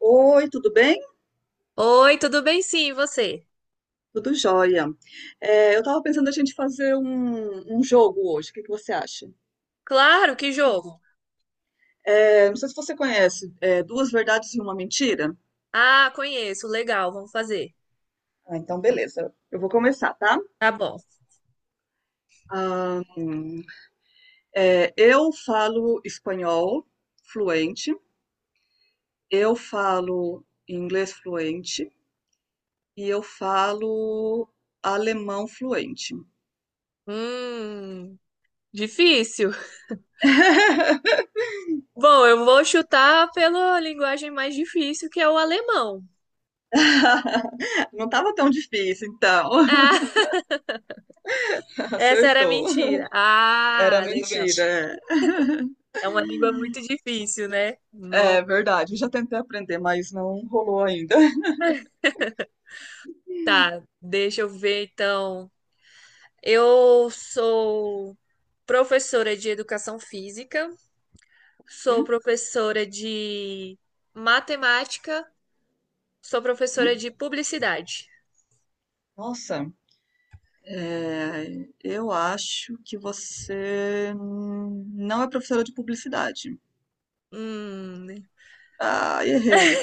Oi, tudo bem? Oi, tudo bem? Sim, e você? Tudo jóia. É, eu estava pensando a gente fazer um jogo hoje. O que que você acha? Claro, que jogo? É, não sei se você conhece, é, Duas Verdades e uma Mentira. Ah, conheço, legal, vamos fazer. Ah, então, beleza. Eu vou começar, tá? Tá bom. Ah, é, eu falo espanhol fluente, eu falo inglês fluente e eu falo alemão fluente. Hum, difícil. Bom, eu vou chutar pela linguagem mais difícil, que é o alemão. Não estava tão difícil, então. Ah, essa era Acertou. mentira. Era Ah, legal. mentira, é. É uma língua muito difícil, né? Não. É verdade. Eu já tentei aprender, mas não rolou ainda. Tá, deixa eu ver então. Eu sou professora de educação física, sou professora de matemática. Sou professora Uhum. de publicidade. Nossa, é, eu acho que você não é professora de publicidade. Hum, Ah, errei.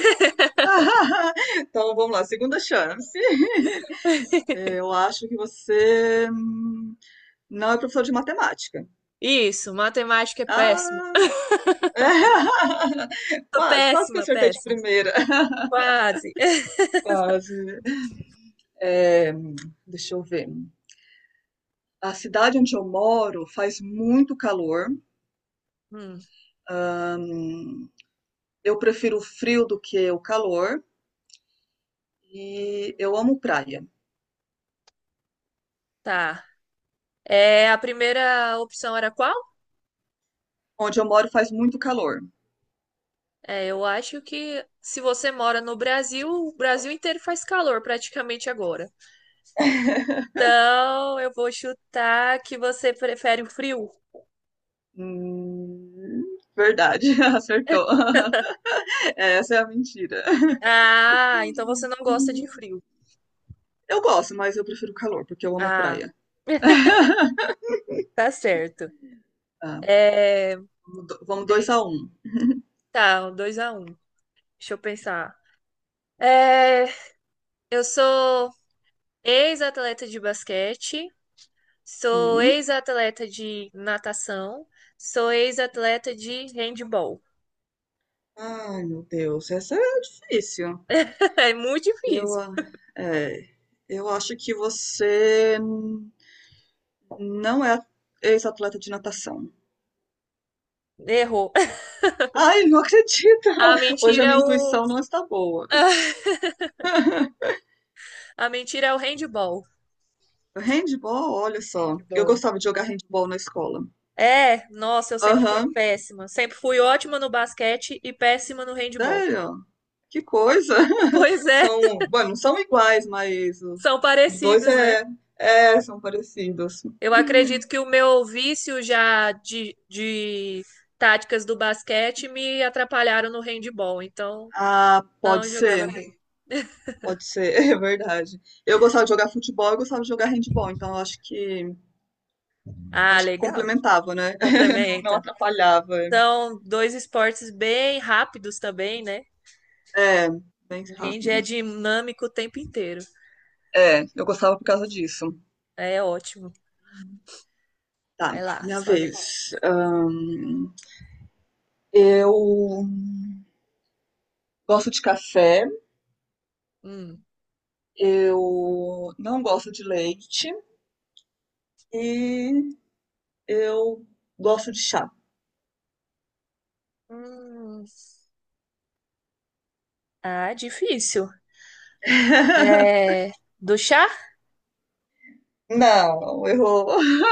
Então vamos lá, segunda chance. Eu acho que você não é professora de matemática. isso, matemática é péssimo. Ah, Tô quase, quase que péssima, acertei de péssima. primeira. Quase. Quase. É, deixa eu ver. A cidade onde eu moro faz muito calor. Hum, Eu prefiro o frio do que o calor e eu amo praia. tá. É, a primeira opção era qual? Onde eu moro faz muito calor. É, eu acho que se você mora no Brasil, o Brasil inteiro faz calor praticamente agora. Então, eu vou chutar que você prefere o frio. Verdade, acertou. Essa é a mentira. Ah, então você não gosta de frio. Eu gosto, mas eu prefiro calor, porque eu amo Ah, praia. tá certo. Tá, É, vamos dois a deixa, um. tá, 2-1. Deixa eu pensar. É, eu sou ex-atleta de basquete, sou Hum. ex-atleta de natação, sou ex-atleta de handball. Ai, meu Deus, essa é difícil. É muito Eu, difícil. ah, é, eu acho que você não é ex-atleta de natação. Errou. Ai, não acredito! A Hoje mentira a é minha o intuição não está boa. a mentira é o handball. Handball, olha só. Eu Handball. gostava de jogar handball na escola. É, nossa, eu sempre fui Aham, péssima. Sempre fui ótima no basquete e péssima no handball. sério? Que coisa! Pois é, São, bom, não são iguais, mas os, são os dois parecidos, né? São parecidos. Eu acredito que o meu vício já de táticas do basquete me atrapalharam no handball, então Ah, não jogava bem. pode ser, é verdade. Eu gostava de jogar futebol, eu gostava de jogar handball, então eu acho que Ah, acho que legal. complementava, né? Não, não Complementa. atrapalhava. São dois esportes bem rápidos também, né? É, bem O hand é rápidos. dinâmico o tempo inteiro. É, eu gostava por causa disso. É ótimo. Tá, Vai lá, minha sua vez. vez. Ahn, eu gosto de café, Hum. eu não gosto de leite e eu gosto de chá. Hum. Ah, difícil. É... Do chá? Não, errou.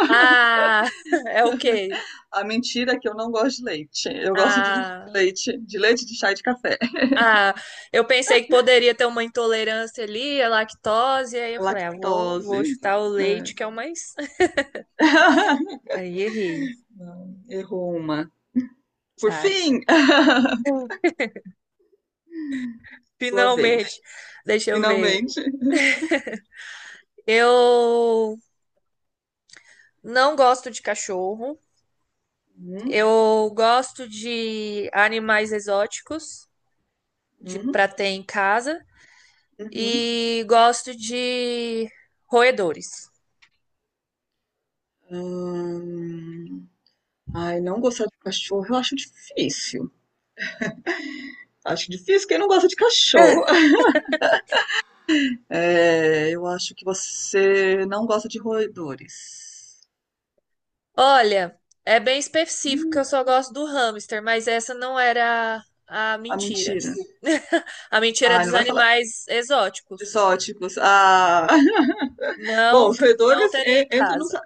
Ah, é o quê? A mentira é que eu não gosto de leite. Eu gosto de Ah, leite, de leite, de chá e de café. Ah, eu pensei que poderia ter uma intolerância ali, a lactose, e aí eu falei, ah, vou Lactose. chutar o É, leite, que é o mais. Aí errei, não, errou uma. Por sabe? fim, sua vez. Finalmente. Deixa eu ver. Finalmente. Eu não gosto de cachorro. Uhum, Eu gosto de animais exóticos, de uhum, pra ter em casa, uhum. e gosto de roedores. Ahn, Ai, não gostar de cachorro eu acho difícil. Acho difícil quem não gosta de cachorro. É, eu acho que você não gosta de roedores. Olha, é bem específico que eu Hum, só gosto do hamster, mas essa não era a a mentira. mentira. A mentira é Ai, dos não vai falar animais exóticos. exóticos. Ah, bom, Não, os não roedores teria em entram nos, casa.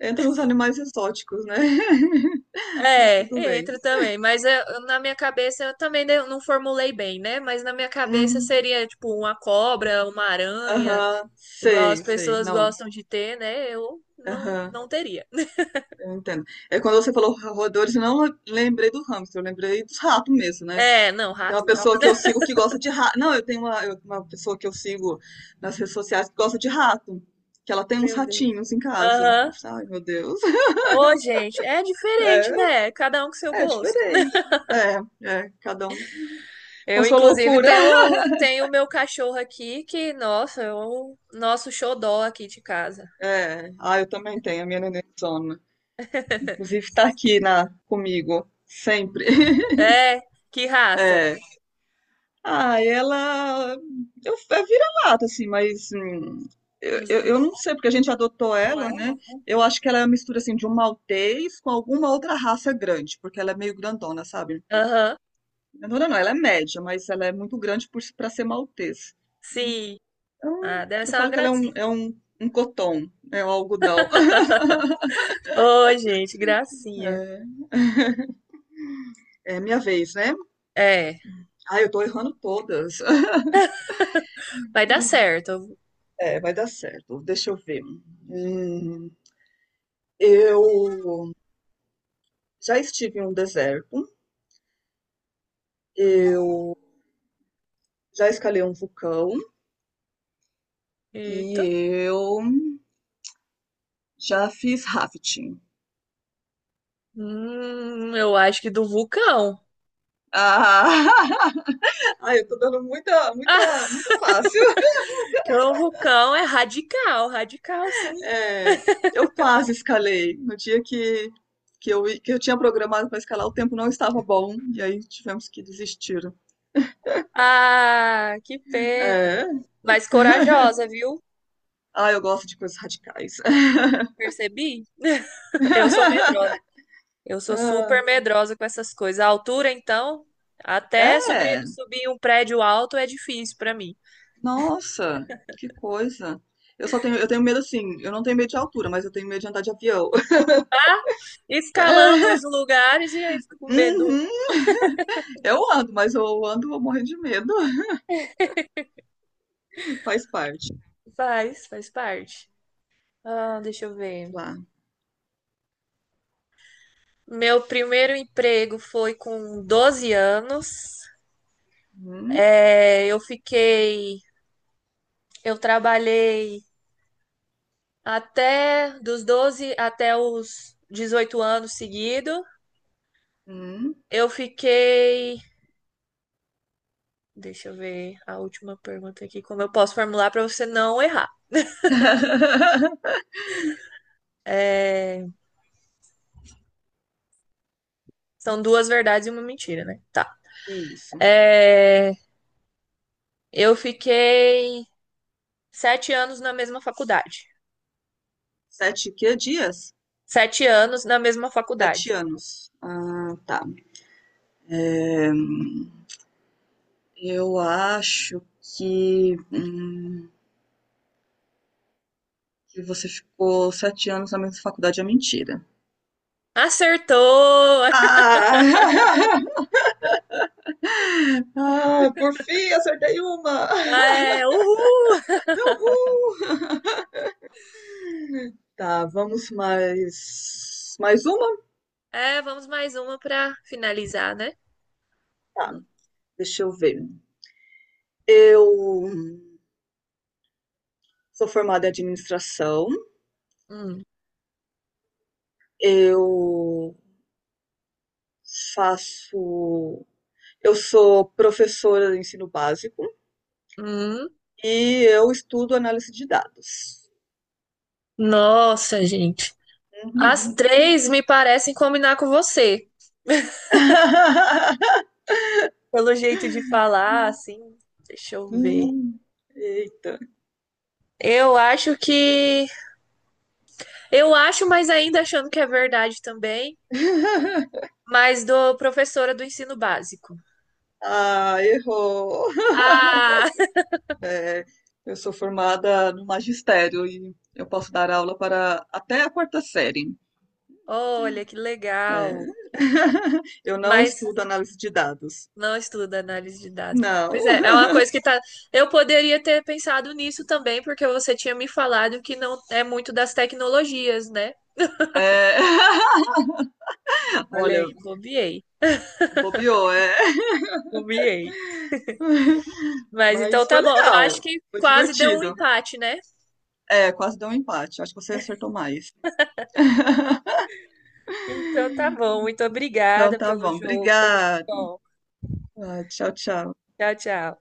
entram nos animais exóticos, né? Mas tudo É, bem. entra também, mas na minha cabeça eu também não formulei bem, né? Mas na minha cabeça Hum. seria tipo uma cobra, uma aranha, Aham, igual as sei, sei. pessoas Não. gostam de ter, né? Eu não, Aham. não teria. Eu entendo. É quando você falou roedores, eu não lembrei do hamster, eu lembrei dos ratos mesmo, né? É, não, Tem rato uma não. pessoa que eu sigo que gosta de rato. Não, eu tenho uma, eu- uma pessoa que eu sigo nas redes sociais que gosta de rato. Que ela tem uns Meu Deus. ratinhos em casa. Eu Aham. falei, ai, meu Deus. Ô, gente, é É, diferente, né? Cada um com seu é gosto. diferente. É, é, cada um com Eu, sua inclusive, loucura. tenho tenho o meu cachorro aqui que, nossa, é o nosso xodó aqui de casa. É, ah, eu também tenho a minha neném. Inclusive tá aqui comigo, sempre. É, que raça? É. Ah, ela é vira-lata, assim, mas eu, Os, eu, eu os... não sei, porque a gente adotou Não ela, é, né? não? Eu acho que ela é uma mistura, assim, de um maltês com alguma outra raça grande, porque ela é meio grandona, sabe? Aham, Grandona não, ela é média, mas ela é muito grande para ser maltês. sim. Então, Ah, deve eu ser uma falo que ela é um, gracinha. é um, um coton, é um algodão. Ô, gente, gracinha. É, é minha vez, né? É, Ah, eu tô errando todas. vai dar certo. É, vai dar certo. Deixa eu ver. Hum, eu já estive em um deserto. Hum, Eu já escalei um vulcão e Eita. eu já fiz rafting. Eu acho que do vulcão. Ah, ai, eu tô dando muita, muita, muito fácil. Que o vulcão é radical, radical, sim. É, eu quase escalei. No dia que eu tinha programado para escalar, o tempo não estava bom e aí tivemos que desistir. Ah, que pena. É, Mas corajosa, viu? ah, eu gosto de coisas radicais. Percebi? Eu sou medrosa. Eu sou Ah, super medrosa com essas coisas. A altura, então, até é, subir um prédio alto é difícil pra mim. nossa, que coisa. Eu tenho medo assim, eu não tenho medo de altura, mas eu tenho medo de andar de avião. Escalando os lugares e aí fica com É, medo. uhum. Eu ando, mas eu ando, vou morrer de medo. Faz parte. Faz parte. Ah, deixa eu ver. Lá. Meu primeiro emprego foi com 12 anos. Hum, É, eu trabalhei até dos 12 até os 18 anos seguido. hum. Eu fiquei, deixa eu ver a última pergunta aqui, como eu posso formular para você não errar. É, são duas verdades e uma mentira, né? Tá. Isso. É, eu fiquei 7 anos na mesma faculdade. Sete, que dias? 7 anos na mesma faculdade. 7 anos. Ah, tá. Eu acho que, hum, que você ficou 7 anos na mesma faculdade é mentira. Acertou! Ah, Ah! Ah, por fim, acertei uma! é, uhul! Uhul! Tá, vamos mais. Mais uma? É, vamos mais uma para finalizar, né? Tá, deixa eu ver. Eu sou formada em administração, Hum, eu faço. Eu sou professora de ensino básico hum. e eu estudo análise de dados. Nossa, gente. As três me parecem combinar com você. Pelo jeito de falar, assim. Deixa eu ver. Hum. Eita. Eu acho que. Eu acho, mas ainda achando que é verdade também. Mas do professora do ensino básico. Ah, errou. Ah! Eu sou formada no magistério e eu posso dar aula para até a quarta série. Olha, que É. legal. Eu não Mas estudo análise de dados. não estuda análise de dados. Não. Pois é, é uma coisa que tá. Eu poderia ter pensado nisso também, porque você tinha me falado que não é muito das tecnologias, né? É. Olha aí, Olha, bobiei, bobeou, é. bobiei. Mas então Mas tá foi bom. Eu acho legal, que foi quase deu um divertido. empate, né? É, quase deu um empate. Acho que você acertou mais. Então tá bom. Muito Então obrigada tá pelo bom, jogo. Foi muito obrigada. bom. Ah, tchau, tchau. Tchau, tchau.